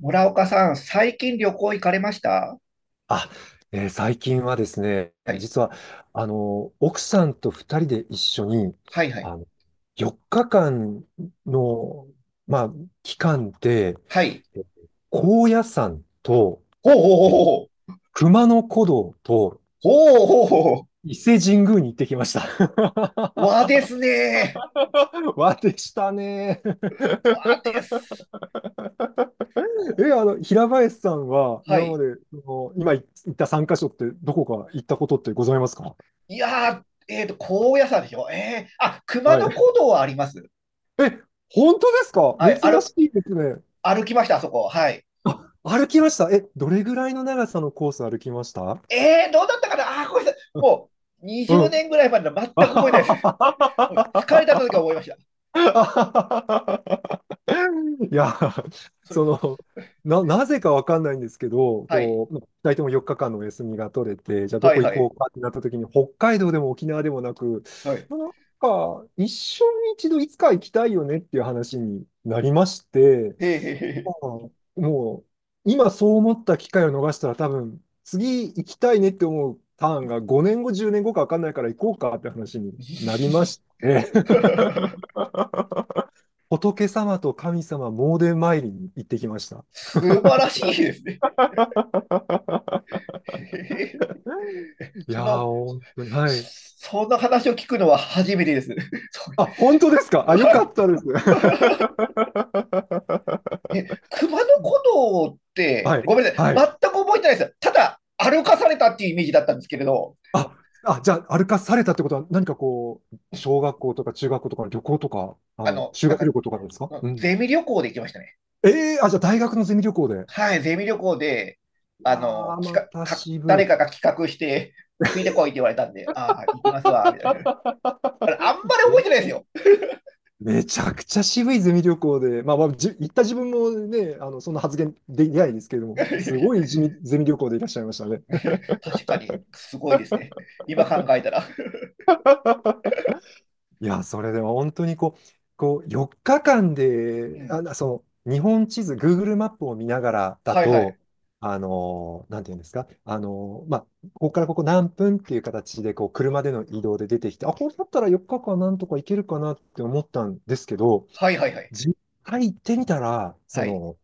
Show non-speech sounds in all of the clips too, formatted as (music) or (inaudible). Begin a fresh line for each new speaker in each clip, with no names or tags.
村岡さん、最近旅行行かれました
あ、最近はですね、
はい。
実は、奥さんと二人で一緒に、
はい、はい。
あの、4日間の、まあ、期間で、
はい。
えー高野山と、
ほうほうほう
えー
ほう。
熊野古道と
ほうほうほうほう。
伊勢神宮に行ってきました。
和ですね。
(laughs) わでしたね。
和です。こ
え、
う
平林さんは
は
今ま
い。
で、その今行った3カ所ってどこか行ったことってございますか？
いやー、高野山でしょあ、熊
は
野古
い。
道はあります。
え、本当ですか？
はい。
珍しいですね。
歩きました、あそこ。はい。
あ、歩きました。え、どれぐらいの長さのコース歩きました？
どうだったかなあー、ごめんなさい。
うんう
20
ん。
年ぐらい前の全く
(laughs) あ
覚えてないです。
は
(laughs) もう疲れた時は思いました。
はははいや、
それ、
その、なぜかわかんないんですけど、
はい。
こう、2人とも4日間のお休みが取れて、じゃあど
はい、
こ行
は
こ
い。
うかってなった時に、北海道でも沖縄でもなく、
はい。
なんか、一生に一度いつか行きたいよねっていう話になりまして、
へーへ
もう、もう今そう思った機会を逃したら多分、次行きたいねって思うターンが5年後、10年後か分かんないから行こうかって話になり
ー
まして、
へ
(laughs)
ー。(laughs)
仏様と神様詣で参りに行ってきました。
素晴らしいですね。
(laughs)
(laughs)
い
そ
やー、
の、
本当に、はい。
そんな話を聞くのは初めてです。(laughs)
あ、本当ですかあ、よ
は
か
い。
ったです。(laughs)
え、熊野古道って、
はい、
ごめんなさい。
は
全
い。
く覚えてないです。ただ、歩かされたっていうイメージだったんですけれど、
あ、あ、じゃあ、歩かされたってことは、何かこう、小学校とか中学校とかの旅行とか、
あの、
修
なん
学旅
か、
行とかですか？うん。
ゼミ旅行で行きましたね。
ええあ、じゃあ大学のゼミ旅行で。
はい、ゼミ旅行で、
いや
あの、
ー、ま
企
た
画、か、
渋
誰
い。
かが企画して、ついてこいって言われたんで、ああ、行きますわ、みたいな。あれ
(laughs)
あんまり覚えてないですよ。
めちゃくちゃ渋いゼミ旅行で、まあ、まあ、行った自分もね、そんな発言できないですけれども、すごいゼミ旅行でいらっしゃいましたね。
(laughs) 確かに、すごいですね。今考えたら。
(laughs) いや、それでも本当にこう、4日間
う
で、
ん。
あ、その日本地図、Google マップを見ながらだ
はいはい。
と、なんていうんですか、まあ、ここからここ何分っていう形でこう車での移動で出てきて、あ、これだったら4日間なんとか行けるかなって思ったんですけど、
はいはいはい。
実際行ってみたら、
はい。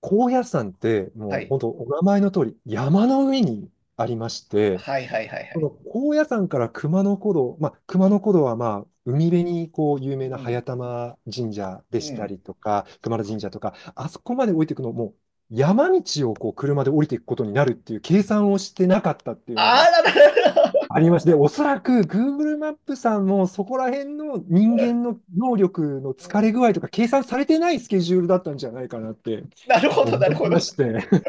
高野山って
は
もう
い。
本当お名前の通り山の上にありまして、
はいはいはいは
そ
い。
の高野山から熊野古道、まあ、熊野古道はまあ海辺にこう有
う
名な
ん。
早玉神社で
う
した
ん。
りとか、熊野神社とか、あそこまで降りていくのも、山道をこう車で降りていくことになるっていう計算をしてなかったっていうの
あ
が
あ、なるほど。
ありまして、おそらく Google マップさんもそこら辺の人間の能力の
う
疲れ
ん
具合とか計算されてないスケジュールだったんじゃないかなって
なるほ
思
ど、なる
い
ほ
ま
ど。
して、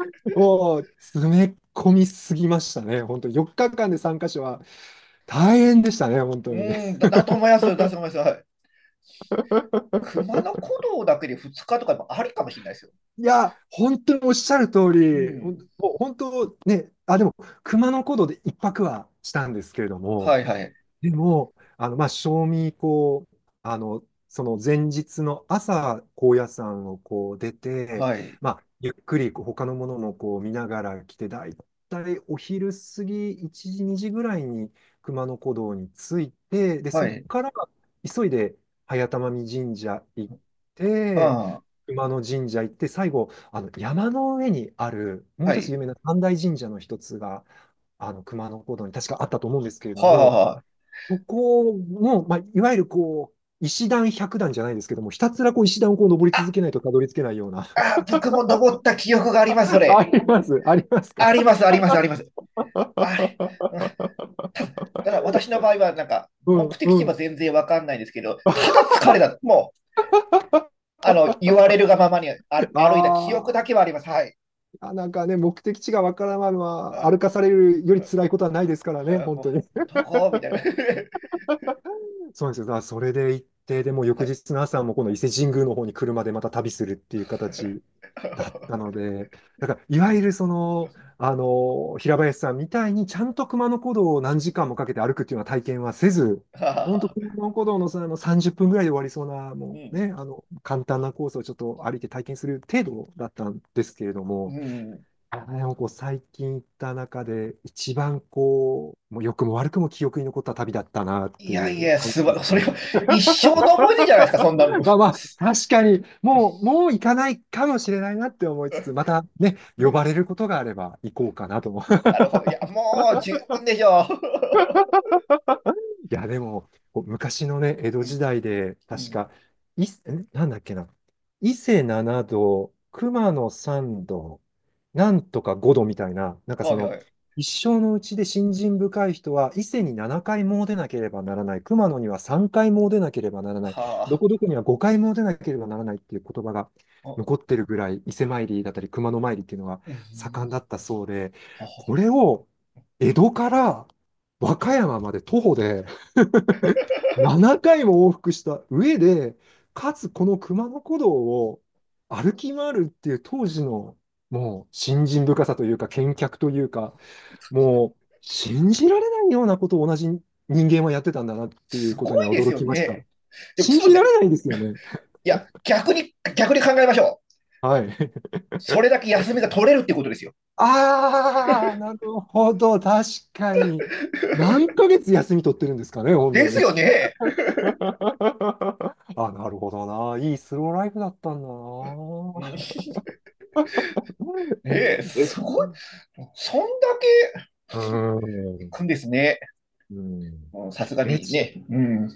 (laughs) もう詰め込みすぎましたね。本当4日間で3カ所は大変でしたね、本当に。
だと思います。だと思います。はい。熊野古道だけで2日とかもありかもしれないですよ。
いや、本当におっしゃる通
う
り、
ん。
もう本当、あ、でも、熊野古道で一泊はしたんですけれど
は
も、
いはい。
でも、まあ、賞味、その前日の朝、高野山をこう出て、
はい。
まあ、ゆっくりこう他のものもこう見ながら来て、だいたいお昼過ぎ、1時、2時ぐらいに熊野古道に着いて、で、
は
そっ
い。
から急いで早玉見神社行って、
は
熊野神社行って、最後、あの山の上にある、も
あ、
う
は
一つ
い。
有名な三大神社の一つが、あの熊野古道に確かあったと思うんですけれど
はあ、
も、
はあ、は
そこの、まあ、いわゆるこう、石段百段じゃないですけども、ひたすらこう石段をこう登り
あ。
続けないとたどり着けないような。
あ、あ、僕も登った記憶があります、そ
(laughs) あ
れ。
りますありますか
あります、あります、あります。あれ。うん
(laughs)
だから私の場合は、なんか、
う
目
ん
的
う
地は
ん。
全然わかんないんですけど、ただ疲れだ。もう、あの、言われるがままにあ
あ
歩いた記憶だけ
ー
はあります。はい。
あ、なんかね、目的地がわからないのは、歩か
あ
されるより辛いことはないですからね、
あ
本
も
当に。
う、もうどこみたいな。(laughs)
そうなんですよ。だからそれで行って、でも翌日の朝もこの伊勢神宮の方に車でまた旅するっていう形だったので、だからいわゆる平林さんみたいにちゃんと熊野古道を何時間もかけて歩くっていうような体験はせず、
は
本当
あ
熊野古道の、30分ぐらいで終わりそうな、
う
もう
ん。
ね、簡単なコースをちょっと歩いて体験する程度だったんですけれど
う
も、
ん。
あでもこう最近行った中で一番こう、もう良くも悪くも記憶に残った旅だったなっ
い
て
や
い
い
う
や、
感じです
それ
ね。
は一生の思い出じゃないですか、そんなもん。
(laughs)
(laughs)
まあまあ、確かに、もう、もう行かないかもしれないなって思いつつ、またね、呼ばれることがあれば行こうかなと思
なるほど。いや、もう十分でしょ
いや、でも、こう昔のね、江戸
う。(laughs) う
時
ん。
代で、
う
確
ん。
か、い、んなんだっけな、伊勢七度、熊野三度、なんとか五度みたいな、なんか
はいはい。
一生のうちで信心深い人は、伊勢
う
に
ん。
7回詣でなければならない、熊野には3回詣でなければならない、
は
ど
あ。
こどこには5回詣でなければならないっていう言葉が
あ
残ってるぐらい、伊勢参りだったり、熊野参りっていうのが
う
盛ん
ん。
だったそうで、
は
これ
あ
を江戸から和歌山まで徒歩で、7回も往復した上で、かつこの熊野古道を歩き回るっていう当時のもう信心深さというか、見客というか、もう信じられないようなことを同じ人間はやってたんだなっていう
す
こと
ご
に
い
は
です
驚
よ
きました。
ね。でも、ち
信
ょっ
じ
と待っ
ら
て。
れないですよね。
いや、逆に、逆に考えましょう。
はい。(laughs)
それだけ休みが取れるってことですよ。
ああ、なるほど。確かに。何ヶ月休み取ってるんですかね、本
で
当
す
に。
よね。
(laughs) あ、なるほどな。いいスローライフだったんだな。
ねえ、す
え、
ごい。そんだけ
うー
行
ん。
くんですね。
うん。
もうさすが
え、
に
ね
ね。うん。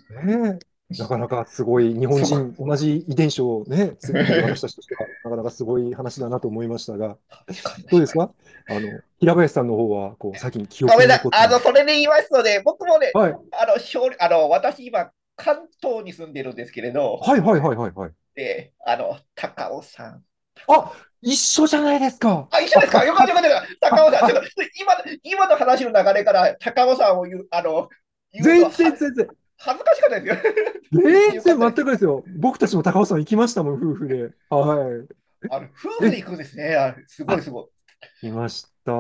え、なかなかすごい、日本
すごい。
人、同じ遺伝子をね、ついている私たち
(laughs)
としては、なかなかすごい話
す
だ
ごい。
なと思いましたが、
確かに
どう
確
です
か
か？平
に。
林さんの方は、こう、最近記
ご
憶
めん
に
なさい。
残っ
あの、
た。
それで言いますので、僕もね、
はい。
あの、勝利あの私今、関東に住んでるんですけれど、
はいはいはいはいはい。
で、あの、高
あ、
尾。
一緒じゃないですか？
あ、一
あ、
緒です
あ、
かよかったよかった高
あ、
尾さん、
あ、
ちょっと
あ
今の話の流れから高尾さんを言う、あの、言うのは
全
は
然全然。
恥ずかしかったですよ。(laughs) 言って
全
よかっ
然
た
全
で
く
す。
ですよ。僕たちも高尾山行きましたもん、夫婦で。は
あの、
い。
夫婦で
え、
行くんですね。あ、すごいすごい。
来ました。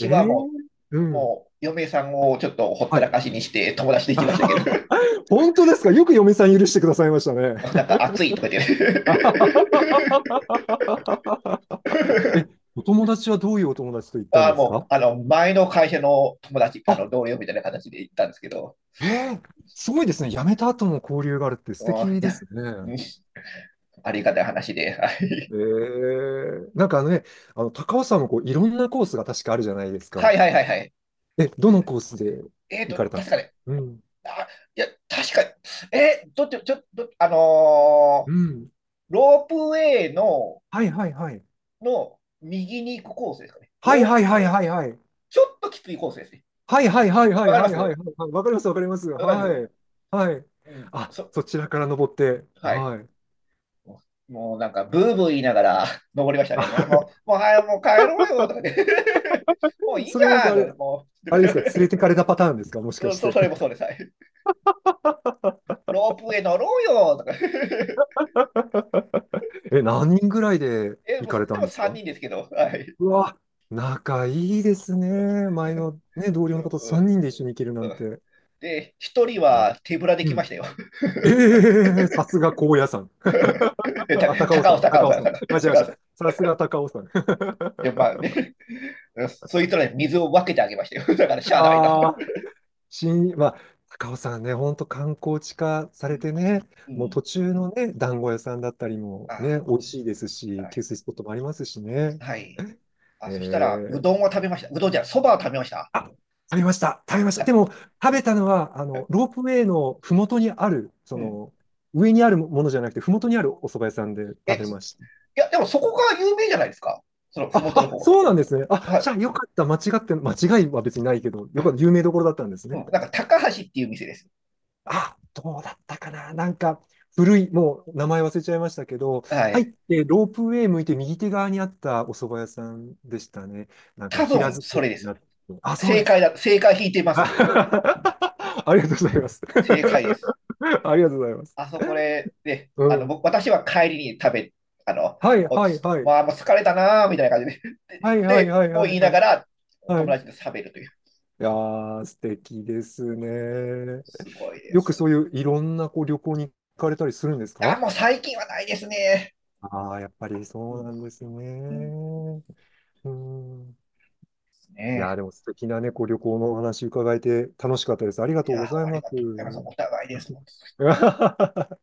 え
は
ー、
も
う
う、
ん。
もう、嫁さんをちょっとほった
は
らか
い。
しにして友達で行きましたけど、
(laughs) 本当ですか？よく嫁さん許してくださいましたね。
(laughs) なんか暑いとか言って
(laughs) え、お友達はどういうお友達と行っ
(laughs)
たん
あ、
です
もう、
か
あの、前の会社の友達、あ
あ、
の、同僚みたいな形で行ったんですけど、
えー、すごいですね。辞めた後も交流があるって素
うん、い
敵で
や、
すね。
うんありがたい話で。はい
なんか高尾さんもこういろんなコースが確かあるじゃないです
(laughs) は
か。
いはいはいはい。
え、どのコースで
えっー
行
と、
かれたんで
確
す
か
か
ね。
うん。
あ、いや、確かに。えー、どっち、ちょ、とあの
う
ー
ん。
ロープウェイの、
はいはいはい。
の右に行くコースですかね。
はい
ロー
は
プ、
いはいはいはい。
ちょっときついコースですね。
はいはいはいは
わ
い
かりま
はいはいはい
す
はい。わかります、わかります。
大丈
はい。
夫。
はい。
うん、
あ、
そ、
そちらから登って。
はい。
はい。
ももうなんか、ブーブー言いながら (laughs) 登りました
あ
ね。もう、もう、もう、はい、もう帰ろうよとかで (laughs) もう
(laughs)
いい
そ
じ
れも
ゃんとかで、もう、(laughs) と
あれで
か
すか、連れ
で
てかれたパターンですか？も
(laughs)
しかして。
それもそうです。はい。
(laughs)
ロープウェイ乗ろうよとか
え、何人ぐらいで
(laughs) え、
行
も
かれ
う、で
たん
も
です
3
か
人ですけど、はい。
うわ、仲いいですね。前のね、同僚
うん
の
う
方と
んうん
3人で一緒に行けるなんて。
で、1人
ね
は手ぶらで
う
来ま
ん。
したよ。
ええさすが高野山。
(laughs) えた
あ、高尾
高尾、
山、
高尾
高
さ
尾
ん、高
山。間違えま
高尾
し
さん。
た。
い
さすが高尾山。
や、まあね、(laughs) うんそいつらに水を分けてあげましたよ。だから、し
(laughs)
ゃあないな。
ああ。まあ、高尾さんね、本当観光地化さ
(laughs) う
れ
ん。
てね、
う
もう
ん。
途中のね、団子屋さんだったりもね、
あ
美味しいです
あ、
し、
は
給
い。
水スポットもありますしね。
はい。
え
あ、そしたら、う
ー、
どんを食べました。うどんじゃない、そばを食べました。
あ、食べました、食べました。で
た
も、食べたのは、
え
ロープウェイのふもとにある、
うん。
上にあるものじゃなくて、ふもとにあるお蕎麦屋さんで食べ
い
ました。
や、でもそこが有名じゃないですか。その、
あ、
ふもとの
あ、
方は。
そうなんですね。あ、
は
じ
い。
ゃあよかった。間違いは別にないけど、よかった。有名どころだったんです
う
ね。
ん。なんか、高橋っていう店です。
あ、どうだったかななんか、古い、もう名前忘れちゃいましたけど、
は
入っ
い。
てロープウェイ向いて右手側にあったお蕎麦屋さんでしたね。なんか
多
平
分、
作
そ
り
れで
に
す。
なって。あ、そう
正
です
解
か。
だ。正解引いてま
(laughs)
す、それは。
ありがとうございます。
正解です。
(laughs) ありがとうございます。
あそこで、ね、
うん。
私は帰りに食べ、あの、
はい
もう
はい
つ、
はい。
まあ、もう疲れたなーみたいな感じで。
はいはい
で、
はいは
もう
い
言いな
は
が
い。
ら、
はい。
友
い
達と食べるという。
やー、素敵ですね。
すごいで
よく
す。い
そういういろんなこう旅行に行かれたりするんです
や、
か
もう最近はないですね。
ああー、やっぱり
うん、
そうなんです
うんで
ね。うん。
す
いやー、
ね。
でも素敵なね、こう旅行のお話伺えて楽しかったです。ありが
い
とう
や、
ござい
あり
ます。
がとうございます。お互いです。
(laughs)